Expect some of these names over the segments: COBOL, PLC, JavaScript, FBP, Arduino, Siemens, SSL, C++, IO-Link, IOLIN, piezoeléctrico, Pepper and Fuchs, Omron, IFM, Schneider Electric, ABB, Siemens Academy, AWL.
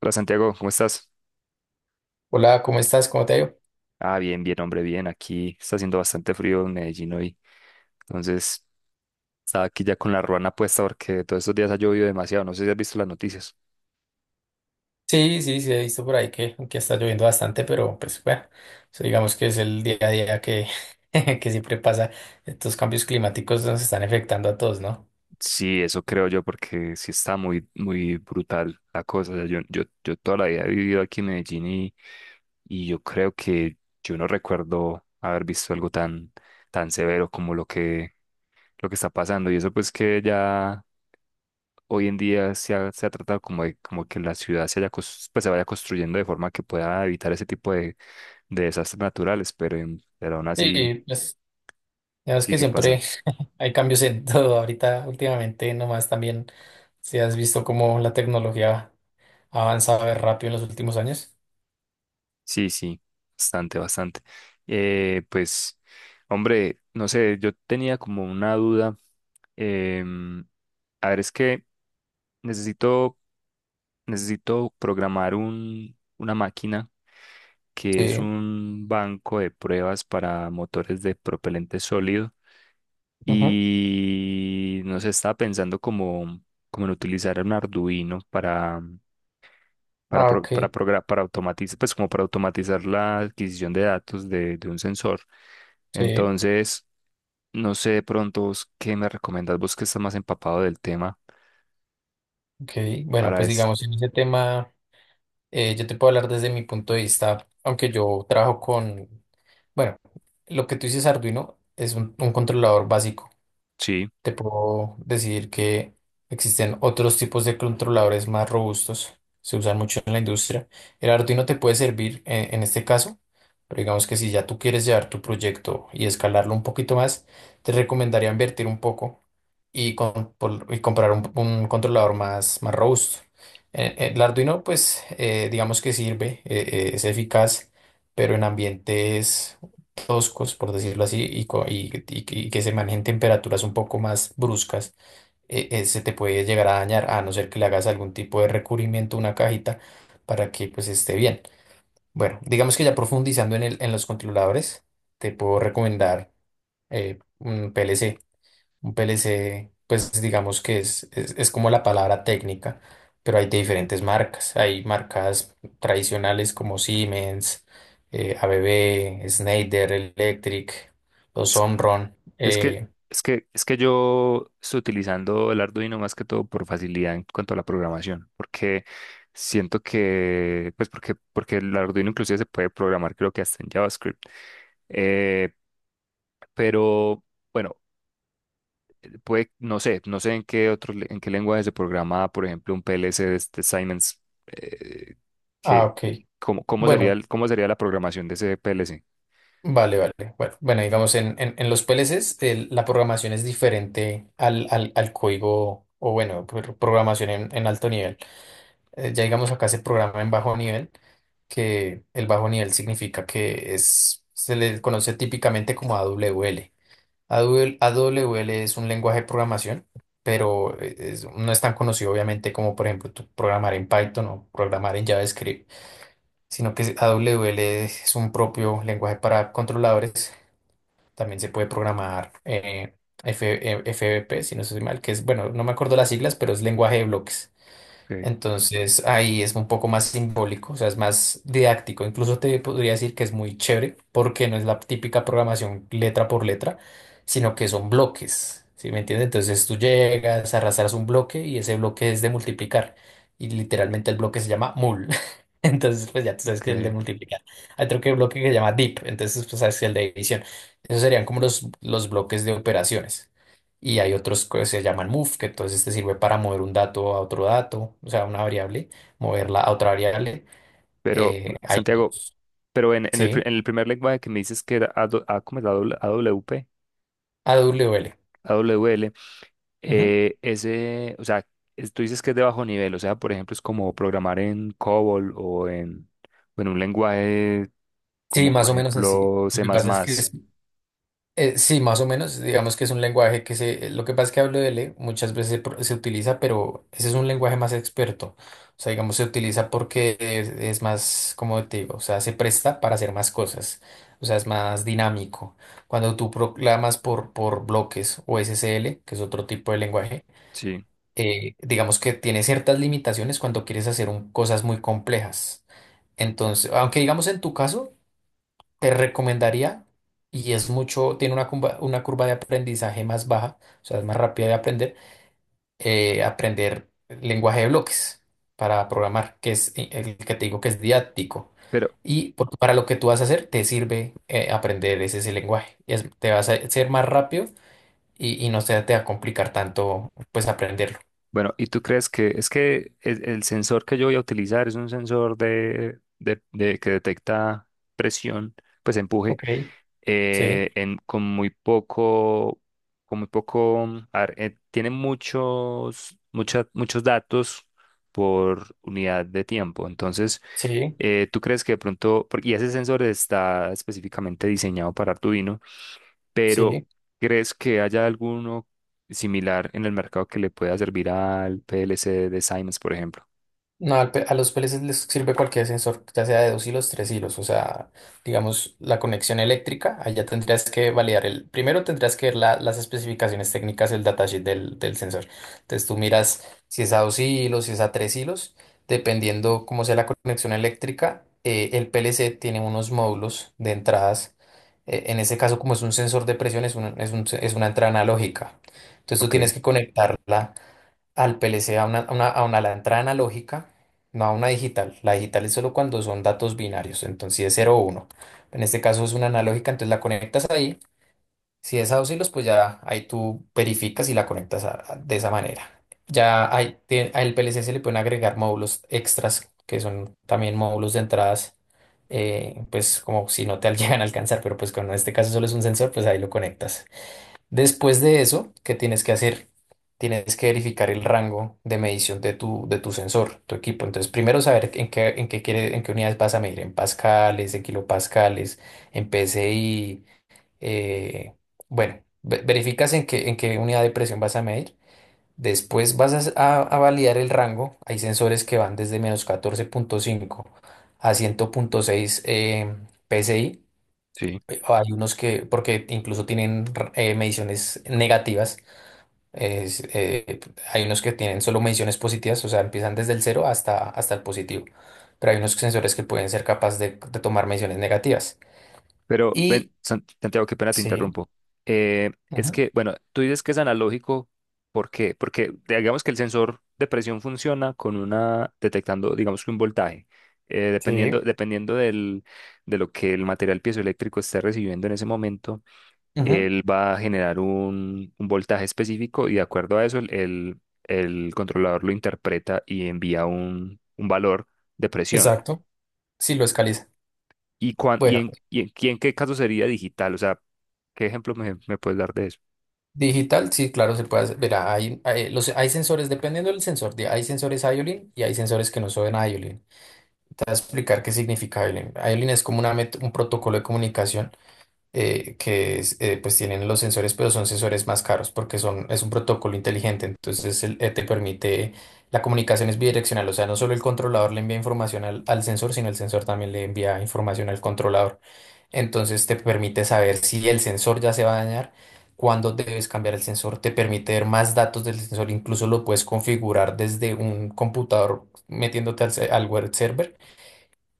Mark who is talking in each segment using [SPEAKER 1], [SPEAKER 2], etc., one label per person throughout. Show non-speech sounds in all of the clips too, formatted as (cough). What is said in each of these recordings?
[SPEAKER 1] Hola Santiago, ¿cómo estás?
[SPEAKER 2] Hola, ¿cómo estás? ¿Cómo te ha ido?
[SPEAKER 1] Ah, bien, bien, hombre, bien. Aquí está haciendo bastante frío en Medellín hoy. Entonces, estaba aquí ya con la ruana puesta porque todos estos días ha llovido demasiado. No sé si has visto las noticias.
[SPEAKER 2] Sí, sí, sí, he visto por ahí que está lloviendo bastante, pero pues bueno, eso digamos que es el día a día que, (laughs) que siempre pasa. Estos cambios climáticos nos están afectando a todos, ¿no?
[SPEAKER 1] Sí, eso creo yo porque sí está muy, muy brutal la cosa. O sea, yo toda la vida he vivido aquí en Medellín y yo creo que yo no recuerdo haber visto algo tan, tan severo como lo lo que está pasando. Y eso pues que ya hoy en día se se ha tratado como de como que la ciudad se, haya, cos- pues, se vaya construyendo de forma que pueda evitar ese tipo de desastres naturales, pero, pero aún así
[SPEAKER 2] Sí, pues digamos
[SPEAKER 1] sí
[SPEAKER 2] que
[SPEAKER 1] que
[SPEAKER 2] siempre
[SPEAKER 1] pasan.
[SPEAKER 2] (laughs) hay cambios en (laughs) todo. Ahorita, últimamente, nomás también, si has visto cómo la tecnología ha avanzado de rápido en los últimos años.
[SPEAKER 1] Sí, sí, bastante, bastante. Eh, pues, hombre, no sé, yo tenía como una duda. em, a ver, es que necesito, necesito programar una máquina que es
[SPEAKER 2] Sí.
[SPEAKER 1] un banco de pruebas para motores de propelente sólido.
[SPEAKER 2] Ujú.
[SPEAKER 1] Y no sé, estaba pensando como, como en utilizar un Arduino para,
[SPEAKER 2] Ah, ok.
[SPEAKER 1] para automatizar, pues como para automatizar la adquisición de datos de un sensor.
[SPEAKER 2] Sí,
[SPEAKER 1] Entonces, no sé de pronto vos qué me recomendás, vos que estás más empapado del tema
[SPEAKER 2] ok. Bueno,
[SPEAKER 1] para
[SPEAKER 2] pues
[SPEAKER 1] eso.
[SPEAKER 2] digamos en ese tema. Yo te puedo hablar desde mi punto de vista, aunque yo trabajo con, bueno, lo que tú dices Arduino es un controlador básico.
[SPEAKER 1] Sí.
[SPEAKER 2] Te puedo decir que existen otros tipos de controladores más robustos, se usan mucho en la industria. El Arduino te puede servir en este caso, pero digamos que si ya tú quieres llevar tu proyecto y escalarlo un poquito más, te recomendaría invertir un poco y comprar un controlador más robusto. El Arduino, pues, digamos que sirve, es eficaz, pero en ambientes toscos, por decirlo así, y que se manejen temperaturas un poco más bruscas, se te puede llegar a dañar, a no ser que le hagas algún tipo de recubrimiento a una cajita para que pues esté bien. Bueno, digamos que ya profundizando en los controladores, te puedo recomendar un PLC. Un PLC, pues digamos que es como la palabra técnica, pero hay de diferentes marcas. Hay marcas tradicionales como Siemens, ABB, Schneider Electric, los Omron.
[SPEAKER 1] Es que, es que yo estoy utilizando el Arduino más que todo por facilidad en cuanto a la programación, porque siento que, porque el Arduino inclusive se puede programar, creo que hasta en JavaScript. Eh, pero bueno, puede, no sé, no sé en qué en qué lenguaje se programa, por ejemplo, un PLC de Siemens, eh,
[SPEAKER 2] Ah,
[SPEAKER 1] que,
[SPEAKER 2] ok.
[SPEAKER 1] cómo,
[SPEAKER 2] Bueno,
[SPEAKER 1] cómo sería la programación de ese PLC.
[SPEAKER 2] vale, vale. Bueno, bueno, digamos, en los PLCs la programación es diferente al código, o bueno, programación en alto nivel. Ya digamos acá se programa en bajo nivel, que el bajo nivel significa que se le conoce típicamente como A W L. A W L AWL. W L es un lenguaje de programación, pero no es tan conocido obviamente como por ejemplo tú programar en Python o programar en JavaScript, sino que A W L es un propio lenguaje para controladores. También se puede programar F- F B P si no estoy mal, que es, bueno, no me acuerdo las siglas, pero es lenguaje de bloques.
[SPEAKER 1] Okay,
[SPEAKER 2] Entonces ahí es un poco más simbólico, o sea, es más didáctico. Incluso te podría decir que es muy chévere porque no es la típica programación letra por letra, sino que son bloques, ¿sí me entiendes? Entonces tú llegas, arrastras un bloque y ese bloque es de multiplicar. Y literalmente el bloque se llama mul. (laughs) Entonces, pues ya tú sabes que es el de
[SPEAKER 1] ok.
[SPEAKER 2] multiplicar. Hay otro que bloque que se llama dip, entonces pues sabes que es el de división. Esos serían como los bloques de operaciones. Y hay otros que se llaman move, que entonces te sirve para mover un dato a otro dato, o sea, una variable, moverla a otra variable.
[SPEAKER 1] Pero,
[SPEAKER 2] Hay,
[SPEAKER 1] Santiago,
[SPEAKER 2] otros.
[SPEAKER 1] pero en,
[SPEAKER 2] Sí,
[SPEAKER 1] en el primer lenguaje que me dices que era AW, ah, ¿cómo es? AW, AWP,
[SPEAKER 2] A W l.
[SPEAKER 1] AWL,
[SPEAKER 2] Ujú.
[SPEAKER 1] ese, o sea, tú dices que es de bajo nivel, o sea, por ejemplo, es como programar en COBOL o en un lenguaje
[SPEAKER 2] Sí,
[SPEAKER 1] como,
[SPEAKER 2] más
[SPEAKER 1] por
[SPEAKER 2] o menos así.
[SPEAKER 1] ejemplo,
[SPEAKER 2] Lo
[SPEAKER 1] C++.
[SPEAKER 2] que pasa es que sí, más o menos, digamos que es un lenguaje que se, lo que pasa es que hablo de L muchas veces se, se utiliza, pero ese es un lenguaje más experto. O sea, digamos, se utiliza porque es más, como te digo, o sea, se presta para hacer más cosas. O sea, es más dinámico. Cuando tú proclamas por bloques o SSL, que es otro tipo de lenguaje,
[SPEAKER 1] Sí,
[SPEAKER 2] digamos que tiene ciertas limitaciones cuando quieres hacer cosas muy complejas. Entonces, aunque digamos en tu caso, te recomendaría, y es mucho, tiene una curva de aprendizaje más baja, o sea, es más rápida de aprender, aprender lenguaje de bloques para programar, que es el que te digo que es didáctico.
[SPEAKER 1] pero
[SPEAKER 2] Y para lo que tú vas a hacer, te sirve aprender ese lenguaje. Te vas a ser más rápido y no se te va a complicar tanto, pues, aprenderlo.
[SPEAKER 1] bueno, ¿y tú crees que es que el sensor que yo voy a utilizar es un sensor que detecta presión, pues empuje?
[SPEAKER 2] Ok, sí,
[SPEAKER 1] En, con muy poco, a ver, tiene muchos datos por unidad de tiempo. Entonces,
[SPEAKER 2] sí,
[SPEAKER 1] tú crees que de y ese sensor está específicamente diseñado para Arduino, pero
[SPEAKER 2] sí.
[SPEAKER 1] ¿crees que haya alguno similar en el mercado que le pueda servir al PLC de Siemens, por ejemplo?
[SPEAKER 2] No, a los PLCs les sirve cualquier sensor, ya sea de dos hilos, tres hilos. O sea, digamos, la conexión eléctrica, allá tendrías que validar el. Primero tendrías que ver las especificaciones técnicas del datasheet del sensor. Entonces tú miras si es a dos hilos, si es a tres hilos. Dependiendo cómo sea la conexión eléctrica, el PLC tiene unos módulos de entradas. En ese caso, como es un sensor de presión, es una entrada analógica. Entonces tú tienes
[SPEAKER 1] Ok,
[SPEAKER 2] que conectarla al PLC a la entrada analógica, no a una digital. La digital es solo cuando son datos binarios, entonces si es cero o 1. En este caso es una analógica, entonces la conectas ahí. Si es a dos hilos, pues ya ahí tú verificas y la conectas de esa manera. Al PLC se le pueden agregar módulos extras, que son también módulos de entradas, pues como si no te (laughs) llegan a alcanzar, pero pues como en este caso solo es un sensor, pues ahí lo conectas. Después de eso, ¿qué tienes que hacer? Tienes que verificar el rango de medición de tu sensor, tu equipo. Entonces, primero saber en qué unidades vas a medir, en pascales, en kilopascales, en PSI. eh, bueno, verificas en qué unidad de presión vas a medir. Después vas a validar el rango. Hay sensores que van desde menos catorce punto cinco a 100.6 PSI.
[SPEAKER 1] sí.
[SPEAKER 2] Hay unos que, porque incluso tienen mediciones negativas es, eh, Hay unos que tienen solo mediciones positivas, o sea, empiezan desde el cero hasta, hasta el positivo. Pero hay unos sensores que pueden ser capaces de tomar mediciones negativas.
[SPEAKER 1] Pero,
[SPEAKER 2] Y
[SPEAKER 1] Santiago, qué pena te
[SPEAKER 2] sí,
[SPEAKER 1] interrumpo. Es
[SPEAKER 2] ujú,
[SPEAKER 1] que, bueno, tú dices que es analógico, ¿por qué? Porque digamos que el sensor de presión funciona con una, detectando, digamos que un voltaje,
[SPEAKER 2] sí,
[SPEAKER 1] dependiendo del, de lo que el material piezoeléctrico esté recibiendo en ese momento,
[SPEAKER 2] ujú,
[SPEAKER 1] él va a generar un voltaje específico y de acuerdo a eso el controlador lo interpreta y envía un valor de presión.
[SPEAKER 2] exacto, sí lo escaliza.
[SPEAKER 1] ¿Y, cuán- y,
[SPEAKER 2] Bueno,
[SPEAKER 1] en, y, en, y en qué caso sería digital? O sea, ¿qué ejemplo me puedes dar de eso?
[SPEAKER 2] digital, sí, claro, se puede hacer. Verá, hay sensores, dependiendo del sensor, hay sensores IOLIN y hay sensores que no son IOLIN. Te voy a explicar qué significa IOLIN. IOLIN es como un protocolo de comunicación que es, pues tienen los sensores, pero son sensores más caros porque es un protocolo inteligente. Entonces te permite, la comunicación es bidireccional, o sea, no solo el controlador le envía información al, al sensor, sino el sensor también le envía información al controlador. Entonces te permite saber si el sensor ya se va a dañar. Cuándo debes cambiar el sensor, te permite ver más datos del sensor, incluso lo puedes configurar desde un computador metiéndote al web server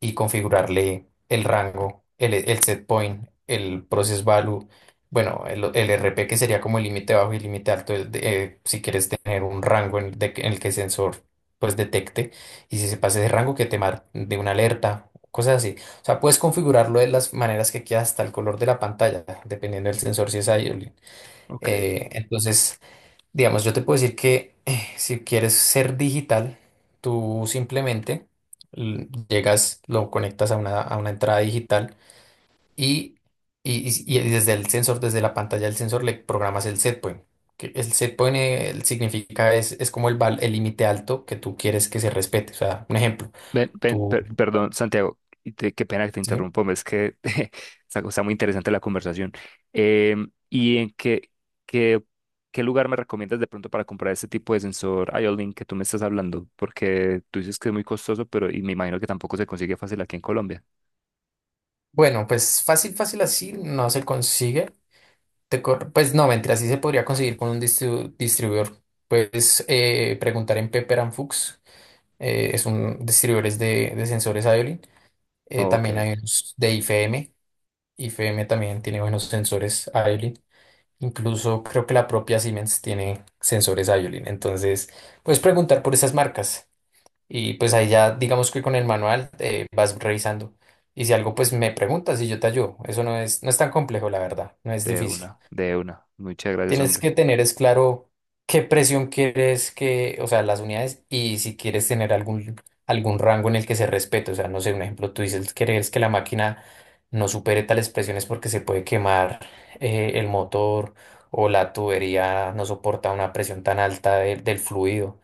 [SPEAKER 2] y configurarle el rango, el set point, el process value, bueno, el R P que sería como el límite bajo y el límite alto, si quieres tener un rango en el que el sensor pues detecte y si se pasa ese rango que te mar de una alerta, cosas así. O sea, puedes configurarlo de las maneras que quieras hasta el color de la pantalla, dependiendo del sensor si es iOLIN.
[SPEAKER 1] Ok.
[SPEAKER 2] Entonces... Digamos, yo te puedo decir que si quieres ser digital, tú simplemente llegas, lo conectas a una entrada digital y, y desde el sensor, desde la pantalla del sensor, le programas el setpoint. Que el setpoint el significa, es como el límite alto que tú quieres que se respete. O sea, un ejemplo, tú...
[SPEAKER 1] Perdón, Santiago, qué pena que te
[SPEAKER 2] ¿sí?
[SPEAKER 1] interrumpo, es que (laughs) está, está muy interesante la conversación. ¿Y en qué, qué, qué lugar me recomiendas de pronto para comprar este tipo de sensor IO-Link que tú me estás hablando? Porque tú dices que es muy costoso, pero y me imagino que tampoco se consigue fácil aquí en Colombia.
[SPEAKER 2] Bueno, pues fácil, fácil así no se consigue. Pues no, mentira, así se podría conseguir con un distribuidor. Puedes preguntar en Pepper and Fuchs. Es un distribuidores de sensores Iolin. También
[SPEAKER 1] Ok,
[SPEAKER 2] hay unos de IFM. IFM también tiene buenos sensores Iolin. Incluso creo que la propia Siemens tiene sensores Iolin. Entonces, puedes preguntar por esas marcas. Y pues ahí ya, digamos que con el manual vas revisando. Y si algo, pues me preguntas y yo te ayudo. Eso no es tan complejo, la verdad. No es
[SPEAKER 1] de
[SPEAKER 2] difícil.
[SPEAKER 1] una, de una. Muchas gracias,
[SPEAKER 2] Tienes
[SPEAKER 1] hombre.
[SPEAKER 2] que tener es claro qué presión quieres que, o sea, las unidades y si quieres tener algún rango en el que se respete. O sea, no sé, un ejemplo, tú dices, quieres que la máquina no supere tales presiones porque se puede quemar el motor o la tubería no soporta una presión tan alta del fluido.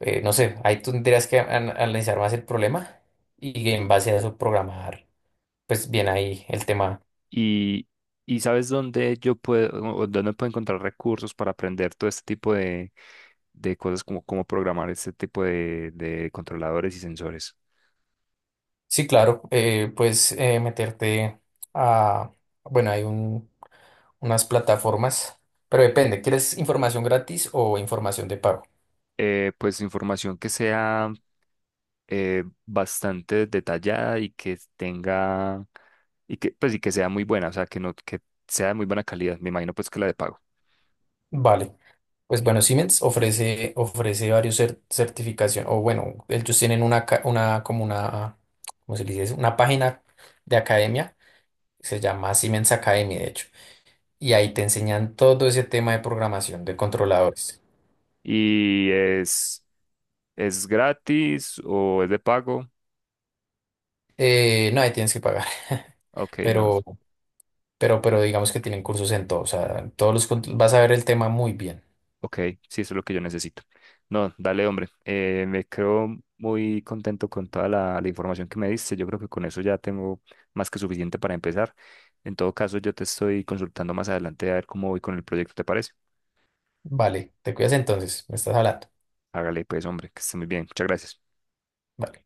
[SPEAKER 2] No sé, ahí tú tendrías que analizar más el problema y en base a eso programar, pues bien ahí el tema.
[SPEAKER 1] Y, y ¿sabes dónde yo puedo o dónde puedo encontrar recursos para aprender todo este tipo de cosas como cómo programar este tipo de controladores y sensores?
[SPEAKER 2] Sí, claro, puedes meterte a, bueno, hay unas plataformas, pero depende, ¿quieres información gratis o información de pago?
[SPEAKER 1] Pues información que sea bastante detallada y que sea muy buena, o sea, que no, que sea de muy buena calidad. Me imagino pues que la de pago.
[SPEAKER 2] Vale, pues bueno, Siemens ofrece varios certificación, o bueno, ellos tienen una, una, como una, ¿cómo se le dice eso? Una página de academia, se llama Siemens Academy, de hecho, y ahí te enseñan todo ese tema de programación de controladores.
[SPEAKER 1] ¿Y es gratis o es de pago?
[SPEAKER 2] No, ahí tienes que pagar, (laughs)
[SPEAKER 1] Ok, no.
[SPEAKER 2] pero... Pero digamos que tienen cursos en todo, o sea, en todos los, vas a ver el tema muy bien.
[SPEAKER 1] Ok, sí, eso es lo que yo necesito. No, dale, hombre. Me creo muy contento con toda la, la información que me diste. Yo creo que con eso ya tengo más que suficiente para empezar. En todo caso, yo te estoy consultando más adelante a ver cómo voy con el proyecto, ¿te parece?
[SPEAKER 2] Vale, te cuidas entonces, me estás hablando.
[SPEAKER 1] Hágale, pues, hombre, que esté muy bien. Muchas gracias.
[SPEAKER 2] Vale.